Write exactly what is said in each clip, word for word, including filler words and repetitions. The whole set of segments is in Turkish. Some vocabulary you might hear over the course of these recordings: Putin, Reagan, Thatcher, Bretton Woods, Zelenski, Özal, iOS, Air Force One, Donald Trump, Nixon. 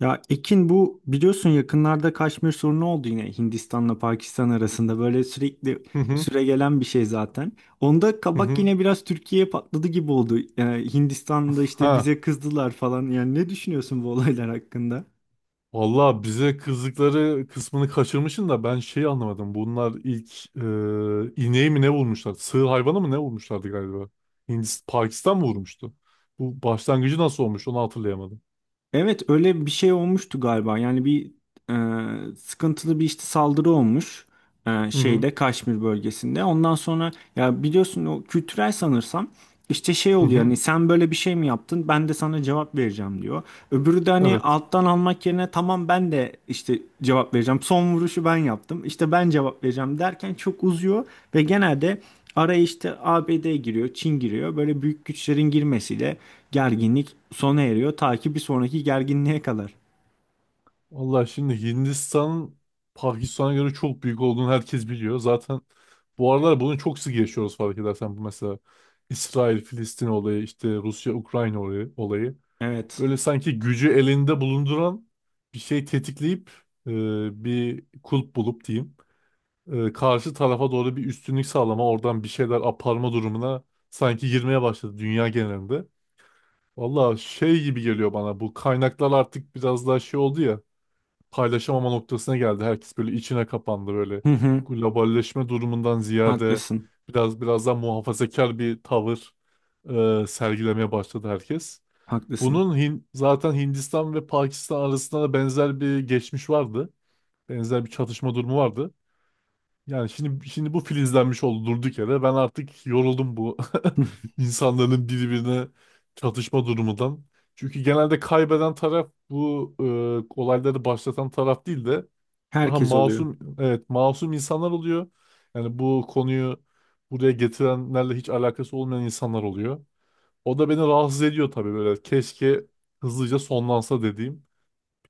Ya Ekin bu biliyorsun yakınlarda Kaşmir sorunu oldu yine Hindistan'la Pakistan arasında böyle sürekli Hı hı süre gelen bir şey zaten. Onda hı kabak hı. yine biraz Türkiye'ye patladı gibi oldu. Ee, Hindistan'da işte Ha. bize kızdılar falan. Yani ne düşünüyorsun bu olaylar hakkında? Valla bize kızdıkları kısmını kaçırmışsın da ben şeyi anlamadım. Bunlar ilk e, ineği mi ne vurmuşlar? Sığır hayvanı mı ne vurmuşlardı galiba? Hindistan, Pakistan mı vurmuştu? Bu başlangıcı nasıl olmuş onu hatırlayamadım. Evet öyle bir şey olmuştu galiba. Yani bir e, sıkıntılı bir işte saldırı olmuş e, Hı hı şeyde Kaşmir bölgesinde. Ondan sonra ya biliyorsun o kültürel sanırsam. İşte şey hı oluyor hı. hani sen böyle bir şey mi yaptın ben de sana cevap vereceğim diyor. Öbürü de hani Evet. alttan almak yerine tamam ben de işte cevap vereceğim. Son vuruşu ben yaptım işte ben cevap vereceğim derken çok uzuyor ve genelde araya işte A B D giriyor, Çin giriyor, böyle büyük güçlerin girmesiyle gerginlik sona eriyor ta ki bir sonraki gerginliğe kadar. Valla şimdi Hindistan Pakistan'a göre çok büyük olduğunu herkes biliyor. Zaten bu aralar bunu çok sık yaşıyoruz fark edersen. Bu mesela İsrail-Filistin olayı, işte Rusya-Ukrayna olayı. olayı. Evet. Böyle sanki gücü elinde bulunduran bir şey tetikleyip e, bir kulp bulup diyeyim. E, karşı tarafa doğru bir üstünlük sağlama, oradan bir şeyler aparma durumuna sanki girmeye başladı dünya genelinde. Valla şey gibi geliyor bana, bu kaynaklar artık biraz daha şey oldu ya, paylaşamama noktasına geldi. Herkes böyle içine kapandı, böyle Hı hı. globalleşme durumundan ziyade Haklısın. biraz biraz daha muhafazakar bir tavır e, sergilemeye başladı herkes. Haklısın. Bunun Hin- zaten Hindistan ve Pakistan arasında da benzer bir geçmiş vardı. Benzer bir çatışma durumu vardı. Yani şimdi şimdi bu filizlenmiş oldu durduk yere. Ben artık yoruldum bu insanların birbirine çatışma durumundan. Çünkü genelde kaybeden taraf bu e, olayları başlatan taraf değil de daha Herkes oluyor. masum, evet, masum insanlar oluyor. Yani bu konuyu buraya getirenlerle hiç alakası olmayan insanlar oluyor. O da beni rahatsız ediyor tabii böyle. Keşke hızlıca sonlansa dediğim.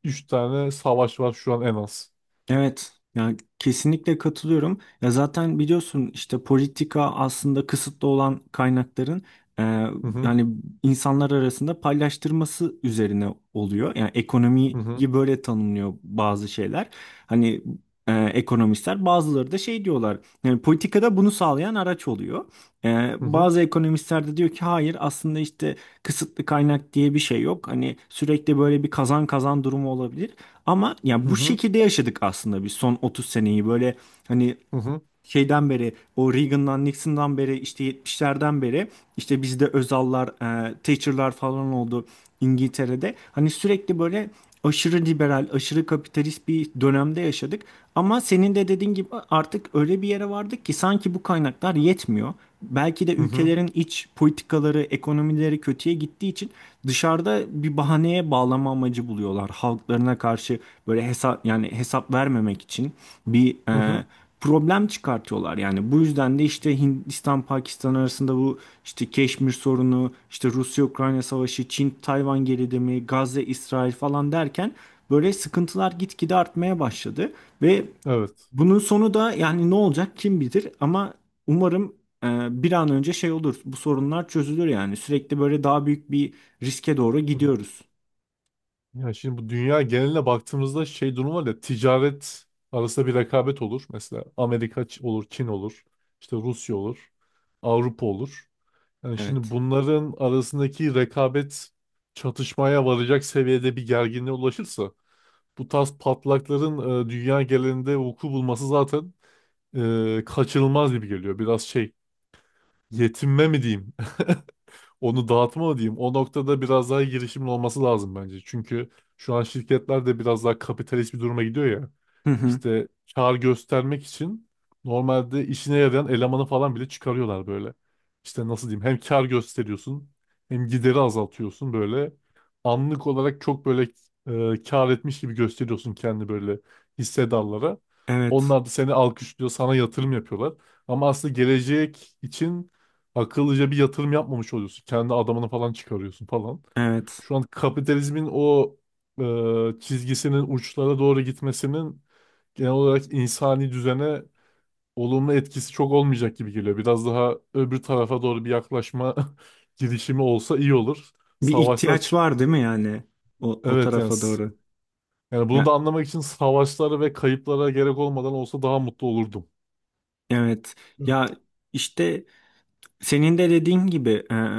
Üç tane savaş var şu an en az. Evet, yani kesinlikle katılıyorum. Ya zaten biliyorsun işte politika aslında kısıtlı olan kaynakların e, Hı hı yani insanlar arasında paylaştırması üzerine oluyor. Yani hı ekonomiyi hı böyle tanımlıyor bazı şeyler. Hani e, ekonomistler bazıları da şey diyorlar. Yani politikada bunu sağlayan araç oluyor. E, hı hı bazı ekonomistler de diyor ki hayır aslında işte kısıtlı kaynak diye bir şey yok. Hani sürekli böyle bir kazan kazan durumu olabilir. Ama ya bu hı şekilde yaşadık aslında biz son otuz seneyi, böyle hani hı hı hı şeyden beri, o Reagan'dan Nixon'dan beri, işte yetmişlerden beri. İşte bizde Özal'lar, e, Thatcher'lar falan oldu İngiltere'de. Hani sürekli böyle aşırı liberal, aşırı kapitalist bir dönemde yaşadık. Ama senin de dediğin gibi artık öyle bir yere vardık ki sanki bu kaynaklar yetmiyor. Belki de hı hı ülkelerin iç politikaları, ekonomileri kötüye gittiği için dışarıda bir bahaneye bağlama amacı buluyorlar. Halklarına karşı böyle hesap, yani hesap vermemek için bir hı e, hı. problem çıkartıyorlar. Yani bu yüzden de işte Hindistan Pakistan arasında bu işte Keşmir sorunu, işte Rusya-Ukrayna savaşı, Çin-Tayvan gerilimi, Gazze-İsrail falan derken böyle sıkıntılar gitgide artmaya başladı ve Evet. bunun sonu da yani ne olacak kim bilir, ama umarım e, bir an önce şey olur. Bu sorunlar çözülür yani. Sürekli böyle daha büyük bir riske doğru Hı. gidiyoruz. Ya şimdi bu dünya geneline baktığımızda şey durum var ya, ticaret arasında bir rekabet olur. Mesela Amerika Ç- olur, Çin olur, işte Rusya olur, Avrupa olur. Yani şimdi Evet. bunların arasındaki rekabet çatışmaya varacak seviyede bir gerginliğe ulaşırsa bu tarz patlakların e, dünya genelinde vuku bulması zaten e, kaçınılmaz gibi geliyor. Biraz şey, yetinme mi diyeyim? Onu dağıtma mı diyeyim. O noktada biraz daha girişimin olması lazım bence. Çünkü şu an şirketler de biraz daha kapitalist bir duruma gidiyor ya. Hı hı. İşte kar göstermek için normalde işine yarayan elemanı falan bile çıkarıyorlar böyle. İşte nasıl diyeyim, hem kar gösteriyorsun hem gideri azaltıyorsun böyle. Anlık olarak çok böyle e, kar etmiş gibi gösteriyorsun kendi böyle hissedarlara. Evet. Onlar da seni alkışlıyor, sana yatırım yapıyorlar. Ama aslında gelecek için akıllıca bir yatırım yapmamış oluyorsun. Kendi adamını falan çıkarıyorsun falan. Evet. Şu an kapitalizmin o e, çizgisinin uçlara doğru gitmesinin genel olarak insani düzene olumlu etkisi çok olmayacak gibi geliyor. Biraz daha öbür tarafa doğru bir yaklaşma girişimi olsa iyi olur. Bir Savaşlar ihtiyaç çık. var değil mi yani o, o Evet yani. tarafa s- doğru? Yani bunu da Ya, anlamak için savaşlara ve kayıplara gerek olmadan olsa daha mutlu olurdum. evet. Hı. Ya işte senin de dediğin gibi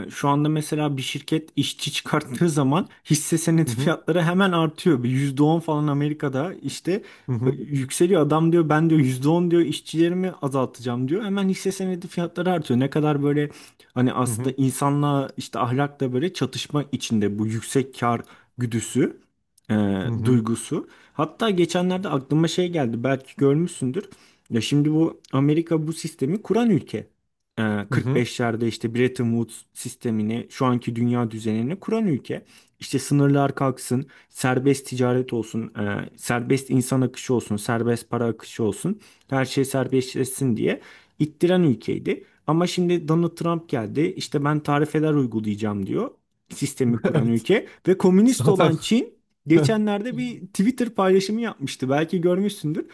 e, şu anda mesela bir şirket işçi çıkarttığı zaman hisse senedi Hı hı fiyatları hemen artıyor. Bir yüzde on falan Amerika'da işte hı e, hı yükseliyor. Adam diyor ben diyor yüzde on diyor işçilerimi azaltacağım diyor. Hemen hisse senedi fiyatları artıyor. Ne kadar böyle hani aslında hı insanla, işte ahlakla böyle çatışma içinde bu yüksek kar güdüsü, e, hı duygusu. Hatta geçenlerde aklıma şey geldi, belki görmüşsündür. Ya şimdi bu Amerika bu sistemi kuran ülke, e, hı hı. kırk beşlerde işte Bretton Woods sistemini, şu anki dünya düzenini kuran ülke. İşte sınırlar kalksın, serbest ticaret olsun, e, serbest insan akışı olsun, serbest para akışı olsun, her şey serbestleşsin diye ittiren ülkeydi. Ama şimdi Donald Trump geldi, işte ben tarifeler uygulayacağım diyor, sistemi kuran Evet. ülke. Ve komünist Zaten olan Çin geçenlerde bir Twitter paylaşımı yapmıştı. Belki görmüşsündür.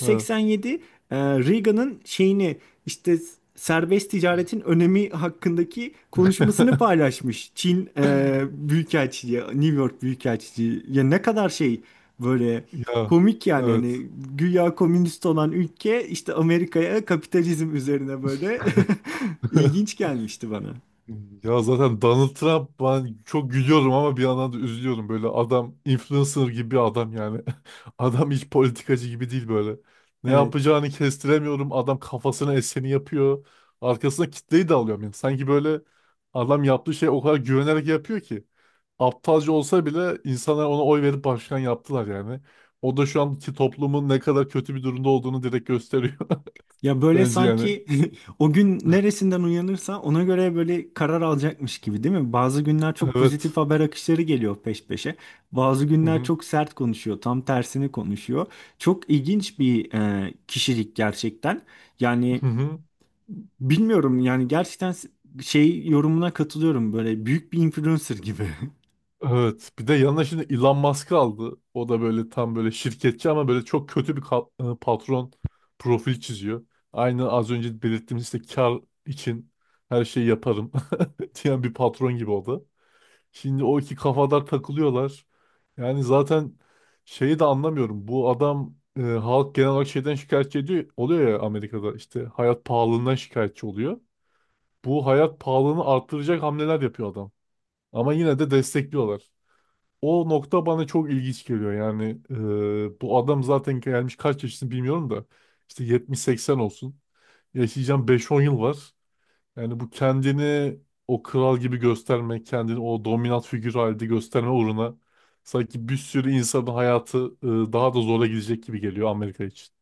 Ha. e, Reagan'ın şeyini, işte serbest ticaretin önemi hakkındaki konuşmasını paylaşmış. Çin e, Büyükelçiliği, New York Büyükelçiliği. Ya ne kadar şey, böyle Ya komik yani, evet. hani güya komünist olan ülke işte Amerika'ya kapitalizm üzerine böyle. ilginç gelmişti bana. Ya zaten Donald Trump, ben çok gülüyorum ama bir yandan da üzülüyorum. Böyle adam influencer gibi bir adam yani. Adam hiç politikacı gibi değil böyle. Ne Evet. yapacağını kestiremiyorum. Adam kafasına eseni yapıyor. Arkasına kitleyi de alıyor. Yani sanki böyle adam yaptığı şey o kadar güvenerek yapıyor ki. Aptalca olsa bile insanlar ona oy verip başkan yaptılar yani. O da şu anki toplumun ne kadar kötü bir durumda olduğunu direkt gösteriyor. Ya böyle Bence yani. sanki o gün neresinden uyanırsa ona göre böyle karar alacakmış gibi değil mi? Bazı günler çok pozitif Evet. haber akışları geliyor peş peşe. Bazı Hı günler hı. çok sert konuşuyor, tam tersini konuşuyor. Çok ilginç bir e, kişilik gerçekten. Yani Hı hı. bilmiyorum yani gerçekten, şey yorumuna katılıyorum, böyle büyük bir influencer gibi. Evet. Bir de yanına şimdi Elon Musk'ı aldı. O da böyle tam böyle şirketçi ama böyle çok kötü bir ka- e, patron profil çiziyor. Aynı az önce belirttiğimiz işte kar için her şeyi yaparım diyen bir patron gibi o da. Şimdi o iki kafadar takılıyorlar. Yani zaten şeyi de anlamıyorum. Bu adam e, halk genel olarak şeyden şikayetçi ediyor, oluyor ya, Amerika'da işte hayat pahalılığından şikayetçi oluyor. Bu hayat pahalılığını arttıracak hamleler yapıyor adam. Ama yine de destekliyorlar. O nokta bana çok ilginç geliyor. Yani e, bu adam zaten gelmiş, kaç yaşını bilmiyorum da işte yetmiş seksen olsun. Yaşayacağım beş-on yıl var. Yani bu kendini o kral gibi göstermek, kendini o dominant figür halinde gösterme uğruna sanki bir sürü insanın hayatı e, daha da zora gidecek gibi geliyor Amerika için.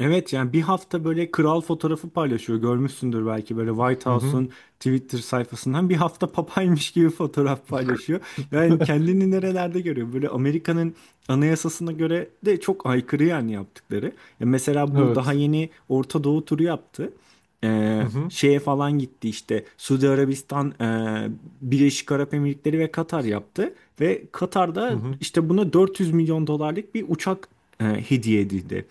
Evet yani bir hafta böyle kral fotoğrafı paylaşıyor. Görmüşsündür belki böyle White Hı hı. House'un Twitter sayfasından bir hafta papaymış gibi fotoğraf paylaşıyor. Yani kendini nerelerde görüyor? Böyle Amerika'nın anayasasına göre de çok aykırı yani yaptıkları. Ya mesela bu daha Evet. yeni Orta Doğu turu yaptı. Hı Ee, hı. şeye falan gitti, işte Suudi Arabistan, e, Birleşik Arap Emirlikleri ve Katar yaptı. Ve Hı Katar'da hı. işte buna dört yüz milyon dolarlık bir uçak e, hediye edildi.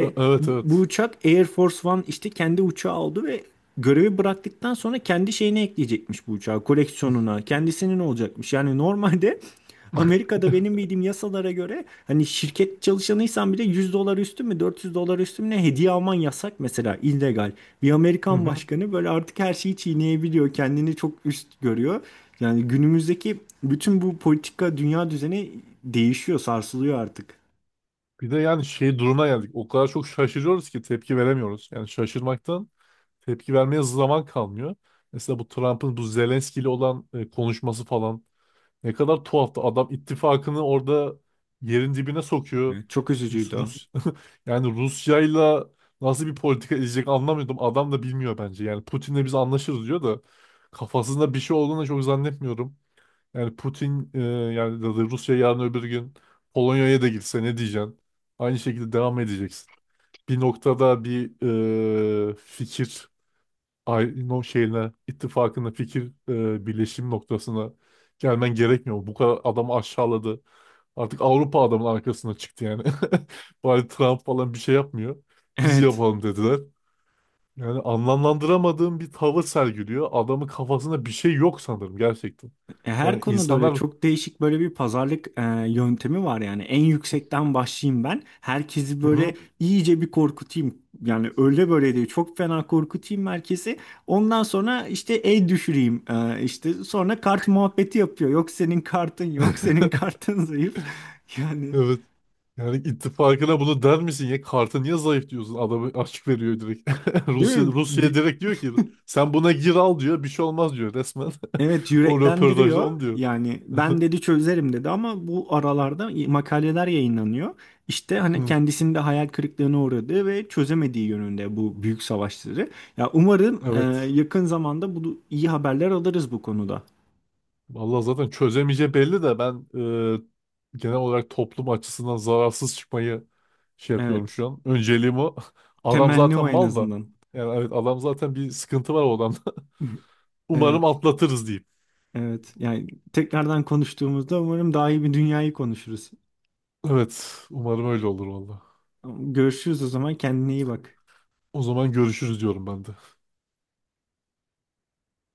E- Evet bu, bu evet. uçak Air Force One, işte kendi uçağı oldu ve görevi bıraktıktan sonra kendi şeyine ekleyecekmiş bu uçağı, koleksiyonuna, kendisinin olacakmış. Yani normalde Amerika'da benim bildiğim yasalara göre hani şirket çalışanıysan bile yüz dolar üstü mü, dört yüz dolar üstü mü ne, hediye alman yasak mesela, illegal. Bir Hı Amerikan hı. başkanı böyle artık her şeyi çiğneyebiliyor, kendini çok üst görüyor. Yani günümüzdeki bütün bu politika dünya düzeni değişiyor, sarsılıyor artık. Bir de yani şey duruma geldik. O kadar çok şaşırıyoruz ki tepki veremiyoruz. Yani şaşırmaktan tepki vermeye zaman kalmıyor. Mesela bu Trump'ın bu Zelenski ile olan e, konuşması falan ne kadar tuhaftı. Adam ittifakını orada yerin dibine sokuyor. Evet. Çok Rus, üzücüydü o. Rus yani Rusya'yla nasıl bir politika izleyecek anlamıyordum. Adam da bilmiyor bence. Yani Putin'le biz anlaşırız diyor da kafasında bir şey olduğunu da çok zannetmiyorum. Yani Putin e, yani da da Rusya yarın öbür gün Polonya'ya da gitse ne diyeceksin? Aynı şekilde devam edeceksin. Bir noktada bir e, fikir ay- no şeyine ittifakına fikir e, birleşim noktasına gelmen gerekmiyor mu? Bu kadar adamı aşağıladı. Artık Avrupa adamın arkasına çıktı yani. Bari Trump falan bir şey yapmıyor. Biz Evet. yapalım dediler. Yani anlamlandıramadığım bir tavır sergiliyor. Adamın kafasında bir şey yok sanırım gerçekten. E, Her Yani konuda öyle insanlar. çok değişik böyle bir pazarlık e, yöntemi var yani. En yüksekten başlayayım ben. Herkesi Hı böyle hı. iyice bir korkutayım. Yani öyle böyle değil. Çok fena korkutayım herkesi. Ondan sonra işte el düşüreyim. E, işte sonra kart muhabbeti yapıyor. Yok senin kartın yok. Senin kartın zayıf. Yani Evet. Yani ittifakına bunu der misin ya? Kartı niye zayıf diyorsun? Adamı açık veriyor direkt. değil Rusya, mi? Rusya Bir- direkt diyor ki sen buna gir al, diyor. Bir şey olmaz, diyor resmen. Evet O röportajda yüreklendiriyor. onu diyor. Yani ben dedi çözerim dedi, ama bu aralarda makaleler yayınlanıyor. İşte hani Hı. kendisinin de hayal kırıklığına uğradığı ve çözemediği yönünde bu büyük savaşları. Ya umarım e, Evet. yakın zamanda bu iyi haberler alırız bu konuda. Vallahi zaten çözemeyeceği belli de ben e, genel olarak toplum açısından zararsız çıkmayı şey yapıyorum Evet. şu an. Önceliğim o. Adam Temenni zaten o en mal da. azından. Yani evet, adam zaten bir sıkıntı var o adamda. Umarım Evet. atlatırız diyeyim. Evet. Yani tekrardan konuştuğumuzda umarım daha iyi bir dünyayı konuşuruz. Evet. Umarım öyle olur vallahi. Görüşürüz o zaman. Kendine iyi bak. O zaman görüşürüz diyorum ben de.